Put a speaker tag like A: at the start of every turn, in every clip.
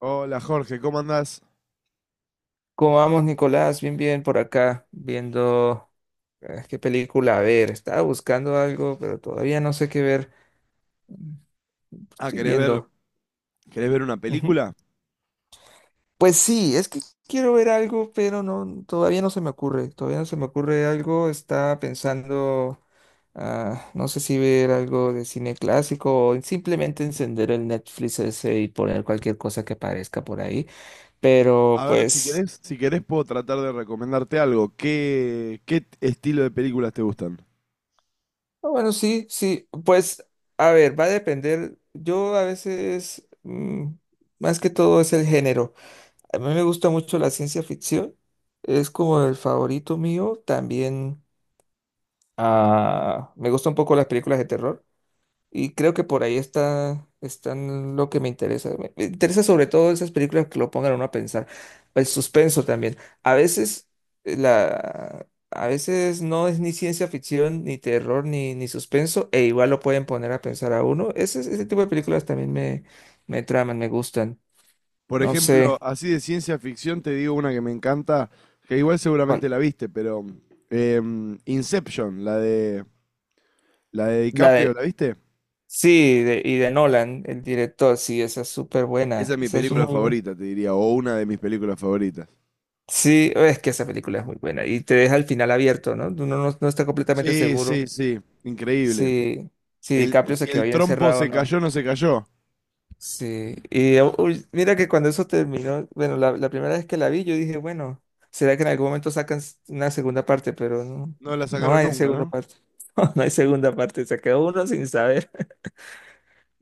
A: Hola Jorge, ¿cómo andás?
B: ¿Cómo vamos, Nicolás? Bien, bien, por acá, viendo qué película ver. Estaba buscando algo, pero todavía no sé qué ver. Mm.
A: Ah,
B: Estoy viendo.
A: querés ver una
B: Ujú.
A: película?
B: Pues sí, es que quiero ver algo, pero no, todavía no se me ocurre. Todavía no se me ocurre algo. Estaba pensando, no sé si ver algo de cine clásico o simplemente encender el Netflix ese y poner cualquier cosa que aparezca por ahí. Pero
A: A ver,
B: pues.
A: si querés puedo tratar de recomendarte algo. ¿Qué estilo de películas te gustan?
B: Ah, bueno, sí, sí, pues a ver, va a depender. Yo a veces, más que todo es el género. A mí me gusta mucho la ciencia ficción, es como el favorito mío. También me gusta un poco las películas de terror. Y creo que por ahí están lo que me interesa. Me interesa sobre todo esas películas que lo pongan a uno a pensar. El suspenso también. A veces eh, la, a veces no es ni ciencia ficción, ni terror, ni suspenso, e igual lo pueden poner a pensar a uno. Ese tipo de películas también me traman, me gustan.
A: Por
B: No
A: ejemplo,
B: sé
A: así de ciencia ficción te digo una que me encanta, que igual
B: cuál.
A: seguramente la viste, pero Inception, la de
B: La
A: DiCaprio,
B: de.
A: ¿la viste?
B: Sí, y de Nolan, el director, sí, esa es súper
A: Esa
B: buena.
A: es mi
B: Esa es
A: película
B: muy.
A: favorita, te diría, o una de mis películas favoritas.
B: Sí, es que esa película es muy buena y te deja el final abierto, ¿no? Uno no está completamente
A: Sí,
B: seguro
A: sí, sí, increíble.
B: si, si DiCaprio
A: Si
B: se quedó
A: el
B: ahí
A: trompo
B: encerrado o no.
A: se cayó.
B: Sí, y uy, mira que cuando eso terminó, bueno, la primera vez que la vi, yo dije, bueno, será que en algún momento una segunda parte, pero no,
A: No la
B: no
A: sacaron
B: hay
A: nunca,
B: segunda
A: ¿no?
B: parte. No, no hay segunda parte, se quedó uno sin saber.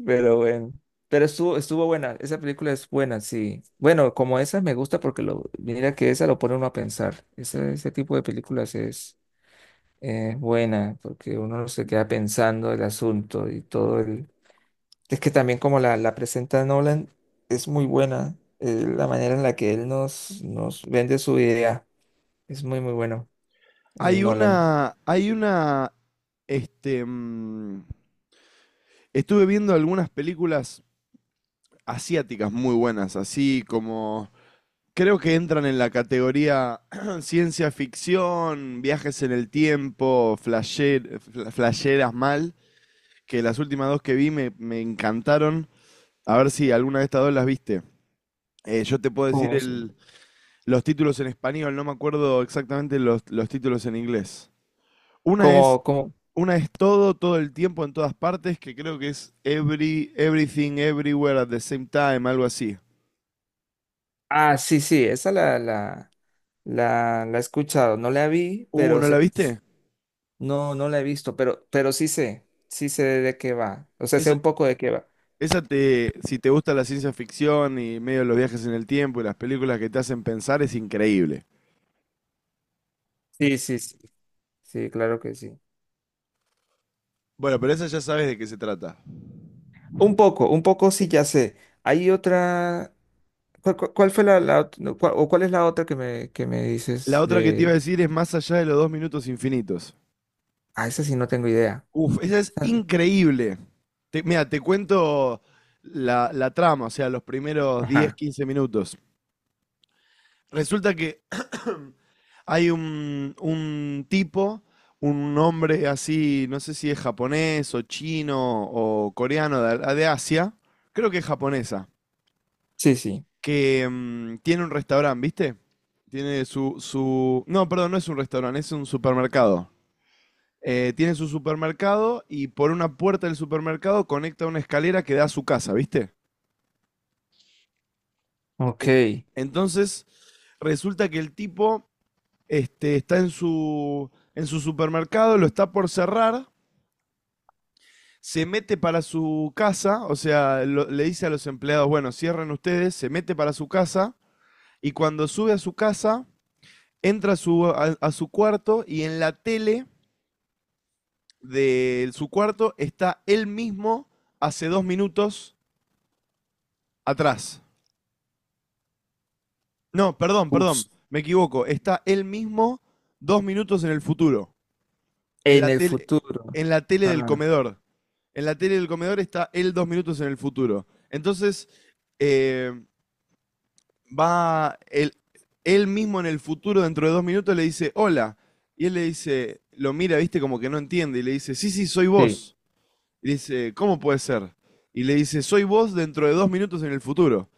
B: Pero bueno, pero estuvo buena, esa película es buena, sí. Bueno, como esa me gusta porque lo, mira que esa lo pone uno a pensar. Ese tipo de películas es buena porque uno se queda pensando el asunto y todo el... Es que también como la presenta Nolan, es muy buena la manera en la que él nos vende su idea. Es muy, muy bueno, el Nolan.
A: Hay una, este, mm, Estuve viendo algunas películas asiáticas muy buenas, así como, creo que entran en la categoría ciencia ficción, viajes en el tiempo, flasheras mal, que las últimas dos que vi me encantaron. A ver si alguna de estas dos las viste. Yo te puedo decir
B: ¿Cómo? Se-
A: los títulos en español, no me acuerdo exactamente los títulos en inglés. Una es
B: como, como...
A: Una es todo, todo el tiempo, en todas partes, que creo que es everything, everywhere at the same time, algo así.
B: Ah, sí, sí, esa la, la... la he escuchado, no la vi, pero
A: ¿No la
B: sé, que-
A: viste?
B: no, no la he visto, pero sí sé de qué va. O sea, sé
A: Esa,
B: un poco de qué va.
A: si te gusta la ciencia ficción y medio los viajes en el tiempo y las películas que te hacen pensar, es increíble.
B: Sí, sí, sí, sí, claro que sí.
A: Bueno, pero esa ya sabes de qué se trata.
B: Un poco sí ya sé. Hay otra, ¿cuál fue no, cuál- o cuál es la otra que que me
A: La
B: dices
A: otra que te iba a
B: de,
A: decir es Más allá de los dos minutos infinitos.
B: ah, esa sí no tengo idea.
A: Uf, esa es
B: Ah.
A: increíble. Mira, te cuento la trama, o sea, los primeros 10,
B: Ajá.
A: 15 minutos. Resulta que hay un tipo, un hombre así, no sé si es japonés o chino o coreano de, Asia, creo que es japonesa,
B: Sí, sí,
A: que tiene un restaurante, ¿viste? No, perdón, no es un restaurante, es un supermercado. Tiene su supermercado y por una puerta del supermercado conecta una escalera que da a su casa, ¿viste?
B: ok.
A: En- Entonces, resulta que el tipo este, está en su supermercado, lo está por cerrar, se mete para su casa, o sea, le dice a los empleados, bueno, cierren ustedes, se mete para su casa, y cuando sube a su casa, entra a su cuarto, y en la tele de su cuarto está él mismo hace 2 minutos atrás. No, perdón, perdón,
B: Uf.
A: me equivoco, está él mismo 2 minutos en el futuro, en
B: En
A: la
B: el
A: tele,
B: futuro.
A: en la tele del
B: Ah,
A: comedor. En la tele del comedor está él 2 minutos en el futuro. Entonces, eh, va él, él mismo en el futuro, dentro de 2 minutos, le dice, hola. Y él le dice, lo mira, viste, como que no entiende. Y le dice, sí, sí, soy
B: sí,
A: vos. Y le dice, ¿cómo puede ser? Y le dice, soy vos dentro de 2 minutos en el futuro.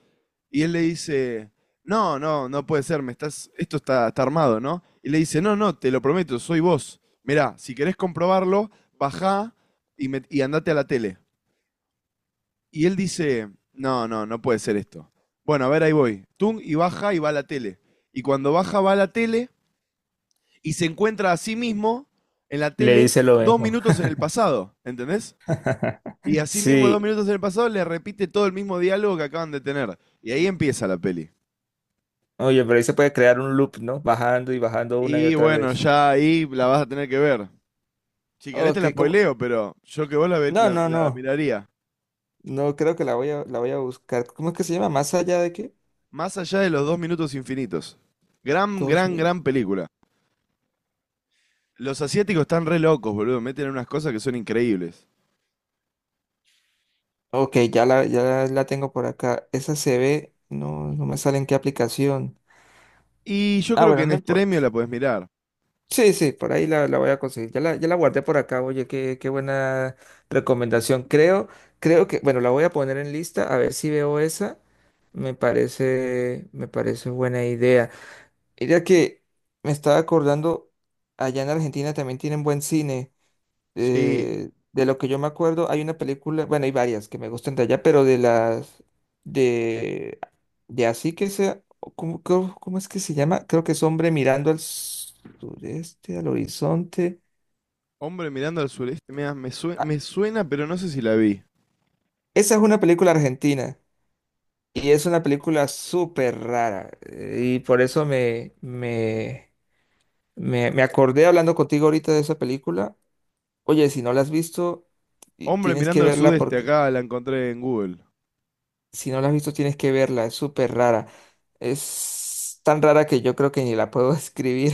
A: Y él le dice, no, no, no puede ser, me estás, esto está armado, ¿no? Y le dice, no, no, te lo prometo, soy vos. Mirá, si querés comprobarlo, bajá y andate a la tele. Y él dice, no, no, no puede ser esto. Bueno, a ver, ahí voy. Tung, y baja y va a la tele. Y cuando baja, va a la tele y se encuentra a sí mismo en la
B: le
A: tele
B: dice lo
A: dos
B: mismo.
A: minutos en el pasado, ¿entendés? Y a sí mismo dos
B: Sí.
A: minutos en el pasado le repite todo el mismo diálogo que acaban de tener. Y ahí empieza la peli.
B: Oye, pero ahí se puede crear un loop, ¿no? Bajando y bajando una y
A: Y
B: otra
A: bueno,
B: vez.
A: ya ahí la vas a tener que ver. Si querés te
B: Ok,
A: la
B: ¿cómo?
A: spoileo, pero yo que vos la, ve-
B: No,
A: la-
B: no,
A: la
B: no.
A: miraría.
B: No creo que la voy a buscar. ¿Cómo es que se llama? ¿Más allá de qué?
A: Más allá de los dos minutos infinitos. Gran,
B: Dos
A: gran,
B: mil.
A: gran película. Los asiáticos están re locos, boludo. Meten unas cosas que son increíbles.
B: Ok, ya ya la tengo por acá. Esa se ve. No, no me sale en qué aplicación.
A: Y yo
B: Ah,
A: creo que
B: bueno,
A: en
B: no importa.
A: Extremio la podés mirar.
B: Sí, sí, por ahí la voy a conseguir. Ya ya la guardé por acá. Oye, qué, qué buena recomendación. Creo, creo que, bueno, la voy a poner en lista a ver si veo esa. Me parece buena idea. Mira que me estaba acordando, allá en Argentina también tienen buen cine.
A: Sí.
B: De lo que yo me acuerdo, hay una película, bueno, hay varias que me gustan de allá, pero de las de, de así que sea, o ¿cómo, cómo, cómo es que se llama? Creo que es Hombre mirando al sureste, al horizonte.
A: Hombre mirando al sureste, me, da- me, sue-
B: Ah,
A: me suena, pero no sé si la vi.
B: esa es una película argentina y es una película súper rara y por eso me acordé hablando contigo ahorita de esa película. Oye, si no la has visto,
A: Hombre
B: tienes que
A: mirando al
B: verla
A: sudeste,
B: porque
A: acá la encontré en Google.
B: si no la has visto, tienes que verla. Es súper rara. Es tan rara que yo creo que ni la puedo escribir.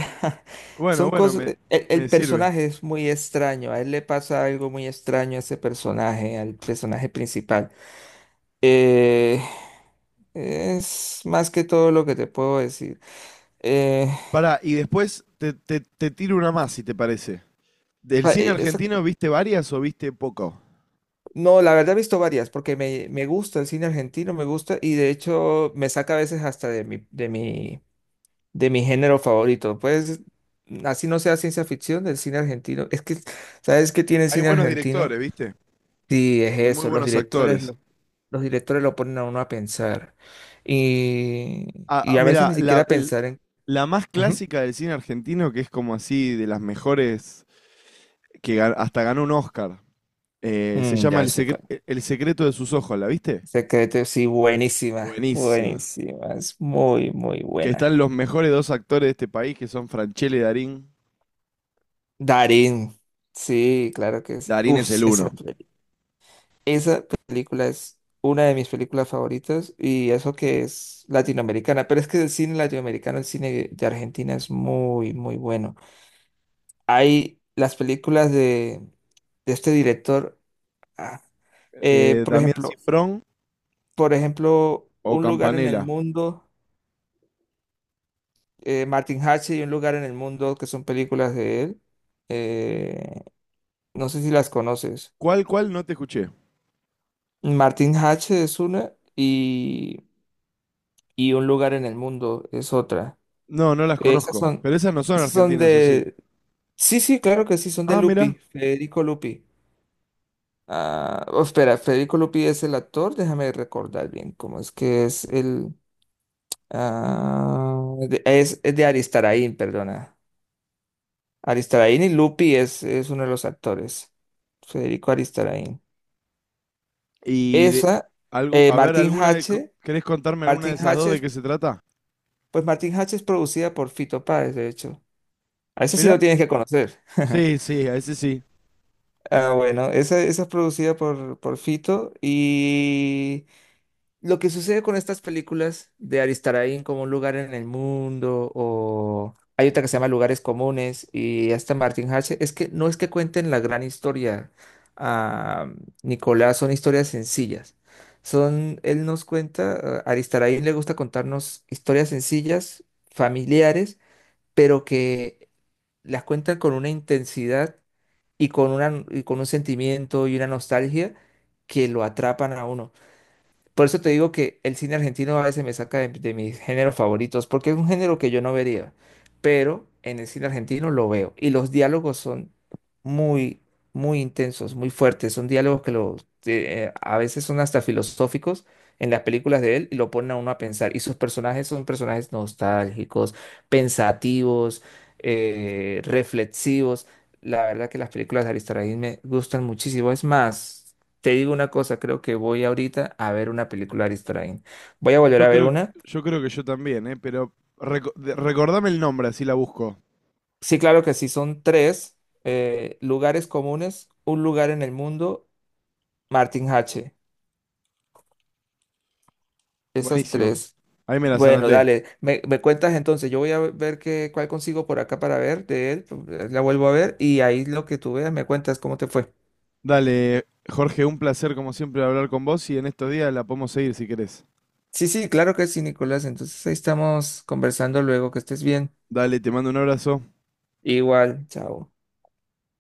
A: Bueno,
B: Son
A: bueno,
B: cosas.
A: me, me
B: El
A: sirve.
B: personaje es muy extraño. A él le pasa algo muy extraño a ese personaje, al personaje principal. Eh, es más que todo lo que te puedo decir. Eh,
A: Pará, y después te tiro una más, si te parece. ¿Del
B: pa-
A: cine
B: esa
A: argentino viste varias o viste poco?
B: no, la verdad he visto varias, porque me gusta el cine argentino, me gusta, y de hecho me saca a veces hasta de de mi género favorito. Pues así no sea ciencia ficción del cine argentino. Es que, ¿sabes qué tiene el
A: Hay
B: cine
A: buenos
B: argentino?
A: directores, ¿viste?
B: Sí, es
A: Y muy
B: eso,
A: buenos actores.
B: los directores lo ponen a uno a pensar. Y,
A: Ah,
B: y
A: ah,
B: a veces
A: mirá,
B: ni
A: la,
B: siquiera
A: l-
B: pensar en...
A: la más
B: Ujú.
A: clásica del cine argentino, que es como así de las mejores, que hasta ganó un Oscar. Se
B: Mm,
A: llama
B: ya
A: El
B: sé
A: secre-
B: cuál.
A: El secreto de sus ojos, ¿la viste?
B: Secreto, sí, buenísima,
A: Buenísima.
B: buenísima, es muy, muy
A: Que
B: buena.
A: están los mejores dos actores de este país, que son Franchelle y Darín.
B: Darín, sí, claro que sí.
A: Darín es
B: Uf,
A: el uno.
B: esa, peli- esa película es una de mis películas favoritas y eso que es latinoamericana, pero es que el cine latinoamericano, el cine de Argentina es muy, muy bueno. Hay las películas de este director, ah, eh, por
A: Damián
B: ejemplo,
A: Cifrón
B: por ejemplo,
A: o
B: Un lugar en el
A: Campanella.
B: mundo, Martin Hatche y Un lugar en el mundo, que son películas de él. Eh, no sé si las conoces.
A: ¿Cuál? No te escuché.
B: Martin H es una y Un lugar en el mundo es otra.
A: No, no las
B: Esas
A: conozco.
B: son,
A: Pero esas no son
B: esas son
A: argentinas, ¿o sí?
B: de... Sí, sí, claro que sí, son de
A: Ah, mira.
B: Lupi, Federico Lupi. Ah, oh, espera, Federico Lupi es el actor, déjame recordar bien cómo es que es el... Es de Aristarain, perdona. Aristarain y Lupi es uno de los actores. Federico Aristarain.
A: Y
B: Esa,
A: a ver,
B: Martin
A: alguna
B: H.
A: ¿querés contarme alguna de
B: Martin
A: esas dos de
B: H.
A: qué se trata?
B: Pues Martin Hatch es producida por Fito Páez, de hecho. A ese sí
A: Mira.
B: lo tienes que conocer.
A: Sí, sí, a ese sí.
B: Ah, bueno, esa es producida por Fito. Y lo que sucede con estas películas de Aristarain como Un lugar en el mundo, o hay otra que se llama Lugares Comunes, y hasta Martin Hatch, es que no es que cuenten la gran historia, ah, Nicolás, son historias sencillas. Son, él nos cuenta, a Aristarain le gusta contarnos historias sencillas, familiares pero que las cuentan con una intensidad y con una, y con un sentimiento y una nostalgia que lo atrapan a uno. Por eso te digo que el cine argentino a veces me saca de mis géneros favoritos, porque es un género que yo no vería, pero en el cine argentino lo veo. Y los diálogos son muy, muy intensos, muy fuertes. Son diálogos que a veces son hasta filosóficos en las películas de él y lo ponen a uno a pensar. Y sus personajes son personajes nostálgicos, pensativos, reflexivos. La verdad que las películas de Aristarahis me gustan muchísimo. Es más. Te digo una cosa, creo que voy ahorita a ver una película de Ari. Voy a volver
A: Yo
B: a ver
A: creo,
B: una.
A: yo creo que yo también, ¿eh? Pero recordame el nombre, así la busco.
B: Sí, claro que sí, son tres Lugares Comunes, Un lugar en el mundo, Martin H. Esas
A: Buenísimo.
B: tres.
A: Ahí me las
B: Bueno,
A: anoté.
B: dale, me cuentas entonces, yo voy a ver qué, cuál consigo por acá para ver de él, pues, la vuelvo a ver y ahí lo que tú veas me cuentas cómo te fue.
A: Dale, Jorge, un placer como siempre hablar con vos y en estos días la podemos seguir si querés.
B: Sí, sí, claro que sí, Nicolás. Entonces ahí estamos conversando luego, que estés bien.
A: Dale, te mando un abrazo.
B: Igual, chao.